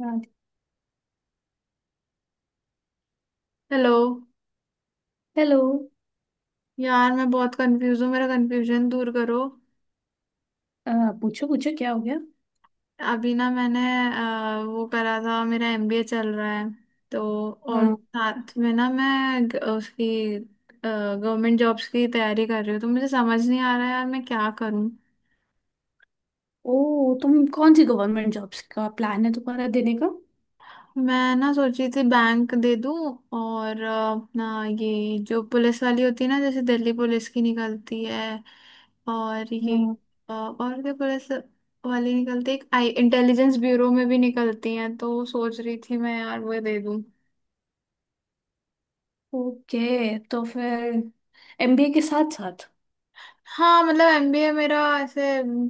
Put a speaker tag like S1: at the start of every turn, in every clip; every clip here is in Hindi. S1: हाँ,
S2: हेलो।
S1: हेलो।
S2: यार मैं बहुत कंफ्यूज हूँ, मेरा कंफ्यूजन दूर करो।
S1: अ, पूछो पूछो क्या हो गया?
S2: अभी ना मैंने वो करा था, मेरा एमबीए चल रहा है तो। और
S1: हाँ।
S2: साथ में ना मैं उसकी गवर्नमेंट जॉब्स की तैयारी कर रही हूँ, तो मुझे समझ नहीं आ रहा यार मैं क्या करूँ।
S1: ओ, तुम कौन सी गवर्नमेंट जॉब्स का प्लान है तुम्हारा देने का?
S2: मैं ना सोची थी बैंक दे दूं, और अपना ये जो पुलिस वाली होती है ना, जैसे दिल्ली पुलिस की निकलती है और ये
S1: हाँ।
S2: और क्या पुलिस वाली निकलती है, एक आई इंटेलिजेंस ब्यूरो में भी निकलती हैं, तो सोच रही थी मैं यार वो दे दूं।
S1: ओके, तो फिर एमबीए के साथ साथ?
S2: हाँ, मतलब एमबीए मेरा ऐसे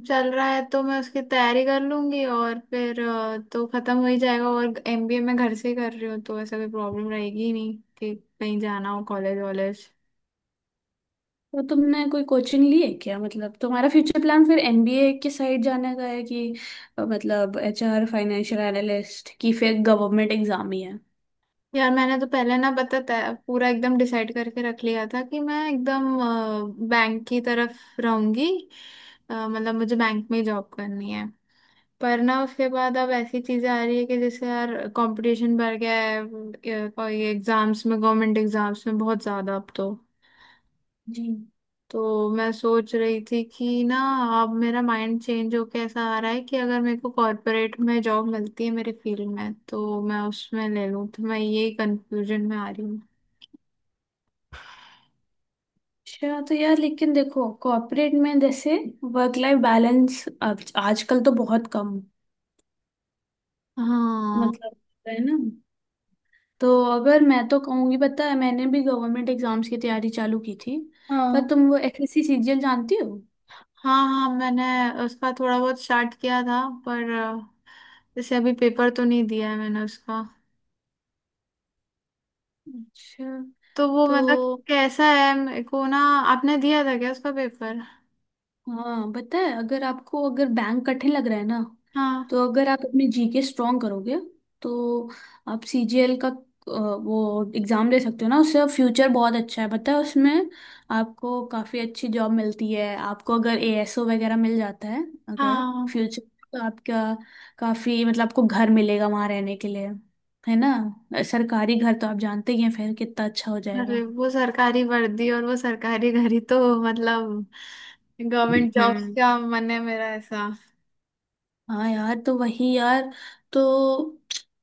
S2: चल रहा है तो मैं उसकी तैयारी कर लूंगी और फिर तो खत्म हो ही जाएगा। और एमबीए मैं घर से ही कर रही हूँ, तो ऐसा कोई प्रॉब्लम रहेगी ही नहीं कि कहीं जाना हो कॉलेज वॉलेज।
S1: तो तुमने कोई कोचिंग ली है क्या? मतलब तुम्हारा फ्यूचर प्लान फिर एमबीए की साइड जाने का है, कि मतलब एचआर, फाइनेंशियल एनालिस्ट की, फिर गवर्नमेंट एग्जाम ही है?
S2: यार मैंने तो पहले ना पता था, पूरा एकदम डिसाइड करके रख लिया था कि मैं एकदम बैंक की तरफ रहूंगी। मतलब मुझे बैंक में ही जॉब करनी है, पर ना उसके बाद अब ऐसी चीजें आ रही है कि जैसे यार कंपटीशन बढ़ गया है और ये एग्जाम्स में, गवर्नमेंट एग्जाम्स में, बहुत ज्यादा अब तो।
S1: जी।
S2: तो मैं सोच रही थी कि ना, अब मेरा माइंड चेंज होके ऐसा आ रहा है कि अगर मेरे को कॉर्पोरेट में जॉब मिलती है मेरे फील्ड में तो मैं उसमें ले लूँ, तो मैं यही कंफ्यूजन में आ रही हूँ।
S1: अच्छा, तो यार लेकिन देखो कॉर्पोरेट में जैसे वर्क लाइफ बैलेंस आजकल तो बहुत कम,
S2: हाँ, हाँ,
S1: मतलब, है ना। तो अगर मैं तो कहूँगी, पता है मैंने भी गवर्नमेंट एग्जाम्स की तैयारी चालू की थी। पर
S2: हाँ।
S1: तुम वो एसएससी सीजीएल जानती हो?
S2: हाँ, मैंने उसका थोड़ा बहुत स्टार्ट किया था, पर जैसे अभी पेपर तो नहीं दिया है मैंने उसका,
S1: अच्छा,
S2: तो वो
S1: तो
S2: मतलब कैसा है मेरे को ना। आपने दिया था क्या उसका पेपर?
S1: हाँ, पता है, अगर आपको अगर बैंक कठिन लग रहा है ना,
S2: हाँ।
S1: तो अगर आप अपने जीके स्ट्रॉन्ग करोगे, तो आप सीजीएल का वो एग्ज़ाम दे सकते हो ना। उससे फ्यूचर बहुत अच्छा है, पता है उसमें। आपको काफ़ी अच्छी जॉब मिलती है, आपको अगर एएसओ वगैरह मिल जाता है। अगर
S2: हाँ,
S1: फ्यूचर, तो आपका काफ़ी, मतलब आपको घर मिलेगा वहाँ रहने के लिए, है ना। सरकारी घर तो आप जानते ही हैं, फिर कितना अच्छा हो
S2: अरे
S1: जाएगा।
S2: वो सरकारी वर्दी और वो सरकारी घड़ी, तो मतलब गवर्नमेंट जॉब्स
S1: हम्म।
S2: का मन है मेरा ऐसा।
S1: हाँ यार, तो वही यार। तो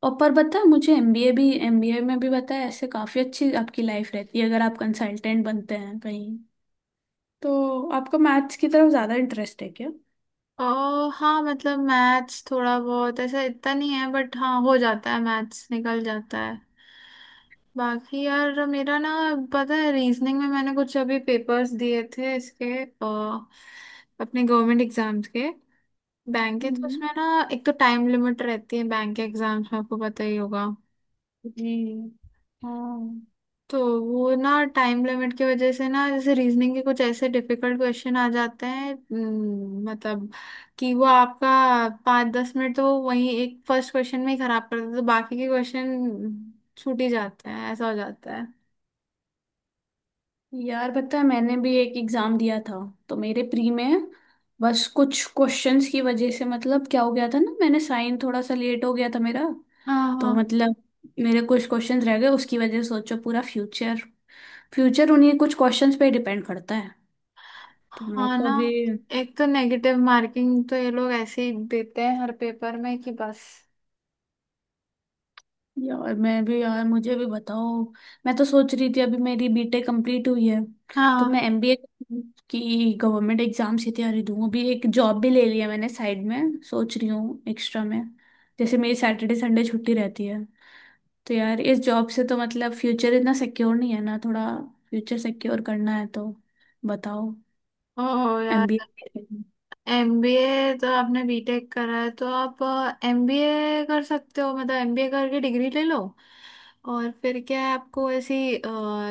S1: और, पर बता मुझे, एमबीए भी, एमबीए में भी बता, ऐसे काफी अच्छी आपकी लाइफ रहती है अगर आप कंसल्टेंट बनते हैं कहीं। तो आपका मैथ्स की तरफ ज्यादा इंटरेस्ट है क्या?
S2: ओ हाँ, मतलब मैथ्स थोड़ा बहुत, ऐसा इतना नहीं है, बट हाँ हो जाता है, मैथ्स निकल जाता है। बाकी यार मेरा ना, पता है, रीजनिंग में मैंने कुछ अभी पेपर्स दिए थे इसके अपने गवर्नमेंट एग्जाम्स के, बैंक के, तो
S1: हम्म।
S2: उसमें ना एक तो टाइम लिमिट रहती है बैंक के एग्जाम्स में, आपको पता ही होगा।
S1: जी। हाँ
S2: तो वो ना टाइम लिमिट की वजह से ना, जैसे रीजनिंग के कुछ ऐसे डिफिकल्ट क्वेश्चन आ जाते हैं मतलब कि वो आपका पाँच दस मिनट तो वो वही एक फर्स्ट क्वेश्चन में ही खराब कर देते हैं, तो बाकी के क्वेश्चन छूट ही जाते हैं, ऐसा हो जाता है।
S1: यार, पता है मैंने भी एक एग्जाम दिया था। तो मेरे प्री में बस कुछ क्वेश्चंस की वजह से, मतलब क्या हो गया था ना, मैंने साइन थोड़ा सा लेट हो गया था मेरा।
S2: हाँ,
S1: तो मतलब मेरे कुछ क्वेश्चंस रह गए, उसकी वजह से, सोचो, पूरा फ्यूचर, फ्यूचर उन्हीं कुछ क्वेश्चंस पे डिपेंड करता है। तो मैं
S2: हाँ
S1: तो
S2: ना,
S1: अभी,
S2: एक तो नेगेटिव मार्किंग तो ये लोग ऐसे ही देते हैं हर पेपर में कि बस।
S1: यार मैं भी, यार मुझे भी बताओ। मैं तो सोच रही थी अभी मेरी बीटेक कंप्लीट हुई है, तो मैं
S2: हाँ।
S1: एमबीए की, गवर्नमेंट एग्जाम्स की तैयारी दूँ। अभी एक जॉब भी ले लिया मैंने साइड में, सोच रही हूँ एक्स्ट्रा में, जैसे मेरी सैटरडे संडे छुट्टी रहती है। तो यार इस जॉब से तो मतलब फ्यूचर इतना सिक्योर नहीं है ना, थोड़ा फ्यूचर सिक्योर करना है, तो बताओ
S2: ओ यार,
S1: एमबीए?
S2: एमबीए तो आपने बीटेक करा है तो आप एमबीए कर सकते हो, मतलब एमबीए करके डिग्री ले लो और फिर क्या है आपको ऐसी,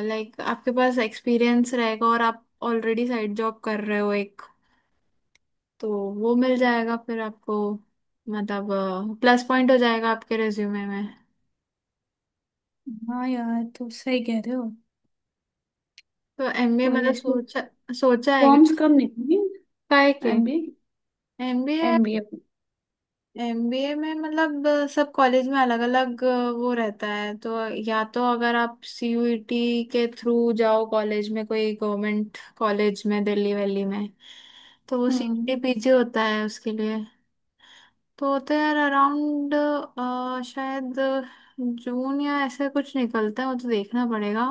S2: लाइक आपके पास एक्सपीरियंस रहेगा, और आप ऑलरेडी साइड जॉब कर रहे हो एक, तो वो मिल जाएगा फिर आपको, मतलब प्लस पॉइंट हो जाएगा आपके रिज्यूमे में।
S1: हाँ यार, तो सही कह रहे हो।
S2: तो एमबीए
S1: कोई
S2: मतलब
S1: ऐसे
S2: सोचा, सोचा है क्या?
S1: फॉर्म्स कब निकली?
S2: काहे के?
S1: MBA,
S2: MBA,
S1: MBA.
S2: एमबीए में मतलब सब कॉलेज में अलग अलग वो रहता है। तो या तो अगर आप सीयूईटी के थ्रू जाओ कॉलेज में, कोई गवर्नमेंट कॉलेज में, दिल्ली वैली में, तो वो सीयूईटी
S1: हम्म।
S2: पीजी होता है उसके लिए। तो होते हैं यार अराउंड शायद जून या ऐसे कुछ, निकलता है वो तो, देखना पड़ेगा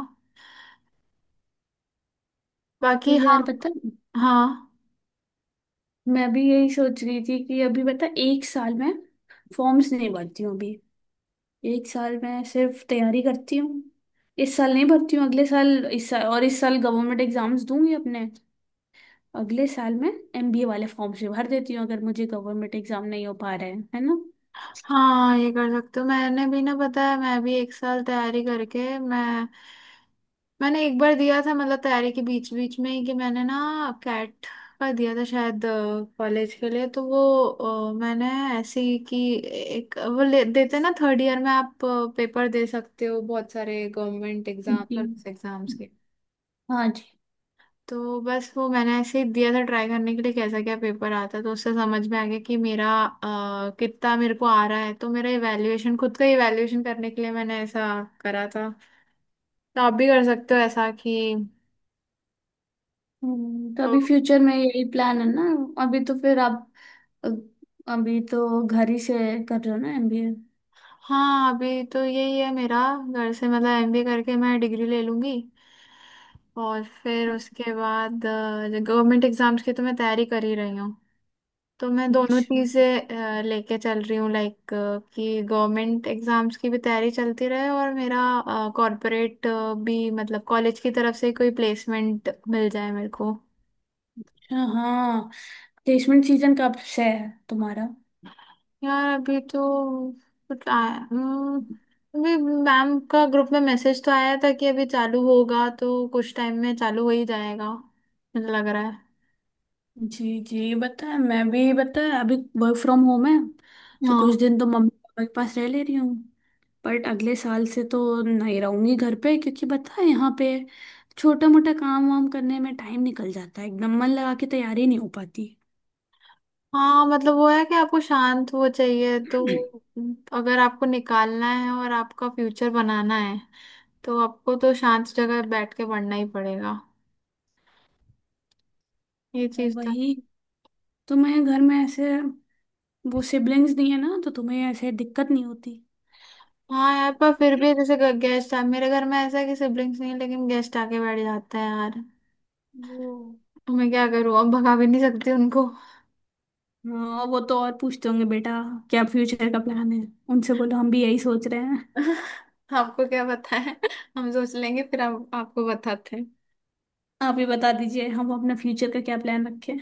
S1: तो
S2: बाकी। हाँ,
S1: यार बता,
S2: हाँ,
S1: मैं भी यही सोच रही थी कि अभी बता, एक साल में फॉर्म्स नहीं भरती हूँ अभी, एक साल में सिर्फ तैयारी करती हूँ। इस साल नहीं भरती हूँ, अगले साल, इस साल, और इस साल गवर्नमेंट एग्जाम्स दूंगी अपने, अगले साल में एमबीए वाले फॉर्म से भर देती हूँ, अगर मुझे गवर्नमेंट एग्जाम नहीं हो पा रहा है ना?
S2: हाँ, ये कर सकते हो। मैंने भी ना, पता है, मैं भी एक साल तैयारी करके मैंने एक बार दिया था, मतलब तैयारी के बीच बीच में ही कि मैंने ना कैट का दिया था शायद कॉलेज के लिए। तो वो मैंने ऐसे ही कि एक वो देते ना थर्ड ईयर में, आप पेपर दे सकते हो बहुत सारे गवर्नमेंट एग्जाम,
S1: जी।
S2: सर्विस एग्जाम्स के।
S1: हाँ जी।
S2: तो बस वो मैंने ऐसे ही दिया था ट्राई करने के लिए कैसा क्या पेपर आता है। तो उससे समझ में आ गया कि मेरा कितना मेरे को आ रहा है, तो मेरा इवैल्यूएशन, खुद का इवैल्यूएशन करने के लिए मैंने ऐसा करा था। तो आप भी कर सकते हो ऐसा कि।
S1: तो अभी फ्यूचर में यही प्लान है ना? अभी तो फिर आप अ, अभी तो घर ही से कर रहे हो ना एमबीए?
S2: हाँ, अभी तो यही है मेरा, घर से, मतलब एमबीए करके मैं डिग्री ले लूंगी और फिर उसके बाद गवर्नमेंट एग्जाम्स की तो मैं तैयारी कर ही रही हूँ। तो मैं दोनों
S1: अच्छा।
S2: चीज़ें लेके चल रही हूँ, लाइक कि गवर्नमेंट एग्जाम्स की भी तैयारी चलती रहे और मेरा कॉर्पोरेट भी, मतलब कॉलेज की तरफ से कोई प्लेसमेंट मिल जाए मेरे को।
S1: अच्छा हाँ, प्लेसमेंट सीजन कब से है तुम्हारा?
S2: यार अभी तो कुछ आया अभी मैम का ग्रुप में मैसेज तो आया था कि अभी चालू होगा, तो कुछ टाइम में चालू हो ही जाएगा मुझे लग रहा है।
S1: जी जी, बताया, मैं भी बताया अभी, वर्क फ्रॉम होम है, तो कुछ
S2: हाँ,
S1: दिन तो मम्मी पापा के पास रह ले रही हूँ। बट अगले साल से तो नहीं रहूंगी घर पे, क्योंकि पता है यहाँ पे छोटा मोटा काम वाम करने में टाइम निकल जाता है, एकदम मन लगा के तैयारी नहीं हो पाती।
S2: हाँ, मतलब वो है कि आपको शांत वो चाहिए, तो अगर आपको निकालना है और आपका फ्यूचर बनाना है तो आपको तो शांत जगह बैठ के पढ़ना ही पड़ेगा, ये
S1: और
S2: चीज तो।
S1: वही, तुम्हें घर में ऐसे वो सिबलिंग्स नहीं है ना, तो तुम्हें ऐसे दिक्कत नहीं होती।
S2: हाँ यार, पर फिर भी जैसे गेस्ट आ, मेरे घर में ऐसा है कि सिबलिंग्स नहीं है, लेकिन गेस्ट आके बैठ जाते हैं यार,
S1: वो,
S2: तो मैं क्या करूँ, अब भगा भी नहीं सकती उनको।
S1: हाँ वो तो और पूछते होंगे, बेटा क्या फ्यूचर का प्लान है? उनसे बोलो हम भी यही सोच रहे हैं।
S2: आपको क्या पता है? हम सोच लेंगे फिर हम आपको बताते हैं।
S1: आप ही बता दीजिए हम अपने फ्यूचर का क्या प्लान रखें।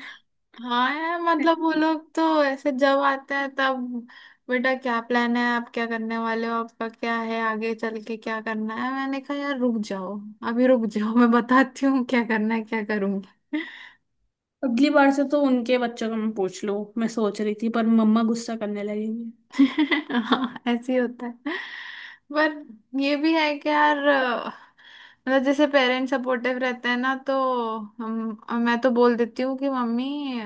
S2: हाँ यार, मतलब वो लोग तो ऐसे जब आते हैं तब, बेटा क्या प्लान है, आप क्या करने वाले हो, आपका क्या है आगे चल के क्या करना है। मैंने कहा यार रुक जाओ, अभी रुक जाओ, मैं बताती हूँ क्या करना है, क्या करूंगी।
S1: अगली बार से तो उनके बच्चों का मैं पूछ लूं, मैं सोच रही थी, पर मम्मा गुस्सा करने लगेंगी।
S2: हाँ, ऐसे ही होता है। पर ये भी है कि यार मतलब जैसे पेरेंट्स सपोर्टिव रहते हैं ना, तो हम मैं तो बोल देती हूँ कि मम्मी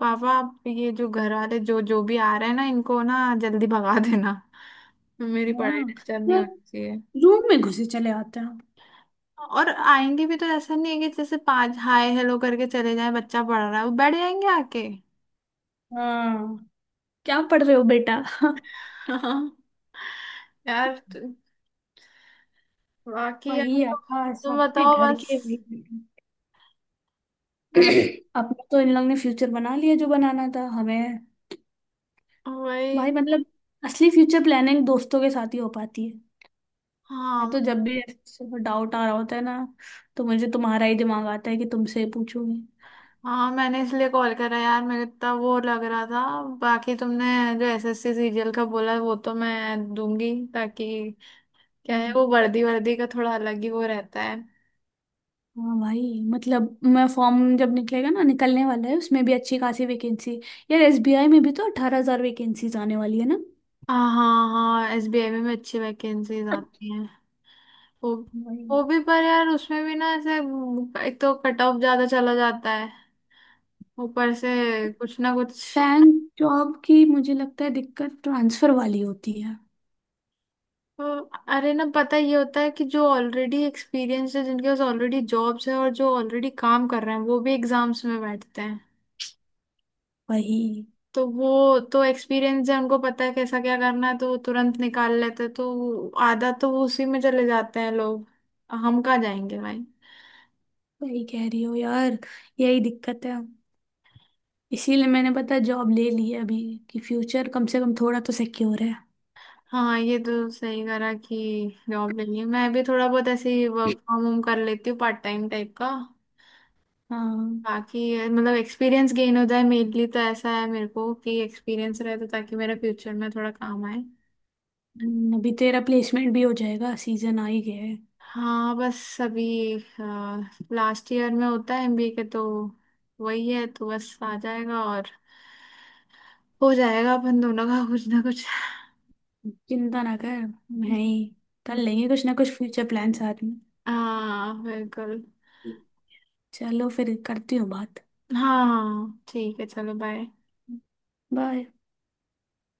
S2: पापा, आप ये जो घर वाले जो जो भी आ रहे हैं ना, इनको ना जल्दी भगा देना, मेरी पढ़ाई
S1: हाँ
S2: डिस्टर्ब नहीं
S1: यार,
S2: होनी चाहिए।
S1: रूम में घुसे चले आते हैं।
S2: और आएंगे भी तो ऐसा नहीं है कि जैसे पाँच हाय हेलो करके चले जाए, बच्चा पढ़ रहा है, वो बैठ जाएंगे आके।
S1: हाँ, क्या पढ़ रहे हो बेटा?
S2: हाँ यार। बाकी यार
S1: वही
S2: तो
S1: आकाश
S2: तुम
S1: सबके
S2: बताओ
S1: घर
S2: बस।
S1: के, वही।
S2: अ,
S1: अपना तो इन लोग ने फ्यूचर बना लिया जो बनाना था हमें।
S2: वही।
S1: भाई, मतलब असली फ्यूचर प्लानिंग दोस्तों के साथ ही हो पाती है। मैं
S2: हाँ,
S1: तो जब भी डाउट आ रहा होता है ना, तो मुझे तुम्हारा ही दिमाग आता है कि तुमसे पूछूंगी।
S2: हाँ, मैंने इसलिए कॉल करा यार, मेरे इतना वो लग रहा था। बाकी तुमने जो एसएससी सीरियल का बोला वो तो मैं दूंगी, ताकि क्या है
S1: हम्म,
S2: वो वर्दी, वर्दी का थोड़ा अलग ही वो रहता है।
S1: हाँ भाई, मतलब मैं, फॉर्म जब निकलेगा ना, निकलने वाला है, उसमें भी अच्छी खासी वैकेंसी, यार एसबीआई में भी तो 18 हजार वैकेंसीज आने वाली है ना।
S2: हाँ, हाँ, हाँ, एसबीआई में भी अच्छी वैकेंसीज आती हैं वो।
S1: वही,
S2: वो भी पर यार उसमें भी ना ऐसे, एक तो कट ऑफ ज्यादा चला जाता है, ऊपर से कुछ ना कुछ।
S1: बैंक जॉब की मुझे लगता है दिक्कत ट्रांसफर वाली होती है।
S2: हाँ, अरे ना, पता ये होता है कि जो ऑलरेडी एक्सपीरियंस है, जिनके पास ऑलरेडी जॉब्स है, और जो ऑलरेडी काम कर रहे हैं, वो भी एग्जाम्स में बैठते हैं।
S1: वही,
S2: तो वो तो एक्सपीरियंस है, उनको पता है कैसा क्या करना है, तो वो तुरंत निकाल लेते हैं, तो आधा तो वो उसी में चले जाते हैं लोग। हम कहाँ जाएंगे भाई।
S1: सही कह रही हो यार। यही दिक्कत है। इसीलिए मैंने पता जॉब ले ली है अभी, कि फ्यूचर कम से कम थोड़ा तो सिक्योर है।
S2: हाँ, ये तो सही करा कि जॉब ले ली। मैं भी थोड़ा बहुत ऐसे ही वर्क फ्रॉम होम कर लेती हूँ पार्ट टाइम टाइप का,
S1: हाँ।
S2: ताकि ये मतलब एक्सपीरियंस गेन हो जाए, मेनली तो ऐसा है मेरे को कि एक्सपीरियंस रहे, तो ताकि मेरा फ्यूचर में थोड़ा काम आए।
S1: अभी तेरा प्लेसमेंट भी हो जाएगा, सीजन आ ही गया है।
S2: हाँ, बस अभी लास्ट ईयर में होता है एमबीए के, तो वही है, तो बस आ जाएगा और हो जाएगा अपन दोनों का कुछ ना कुछ।
S1: चिंता ना कर, मैं ही, कर लेंगे कुछ ना कुछ फ्यूचर प्लान साथ में।
S2: हाँ, बिल्कुल।
S1: चलो फिर, करती हूँ बात।
S2: हाँ ठीक है, चलो बाय।
S1: बाय।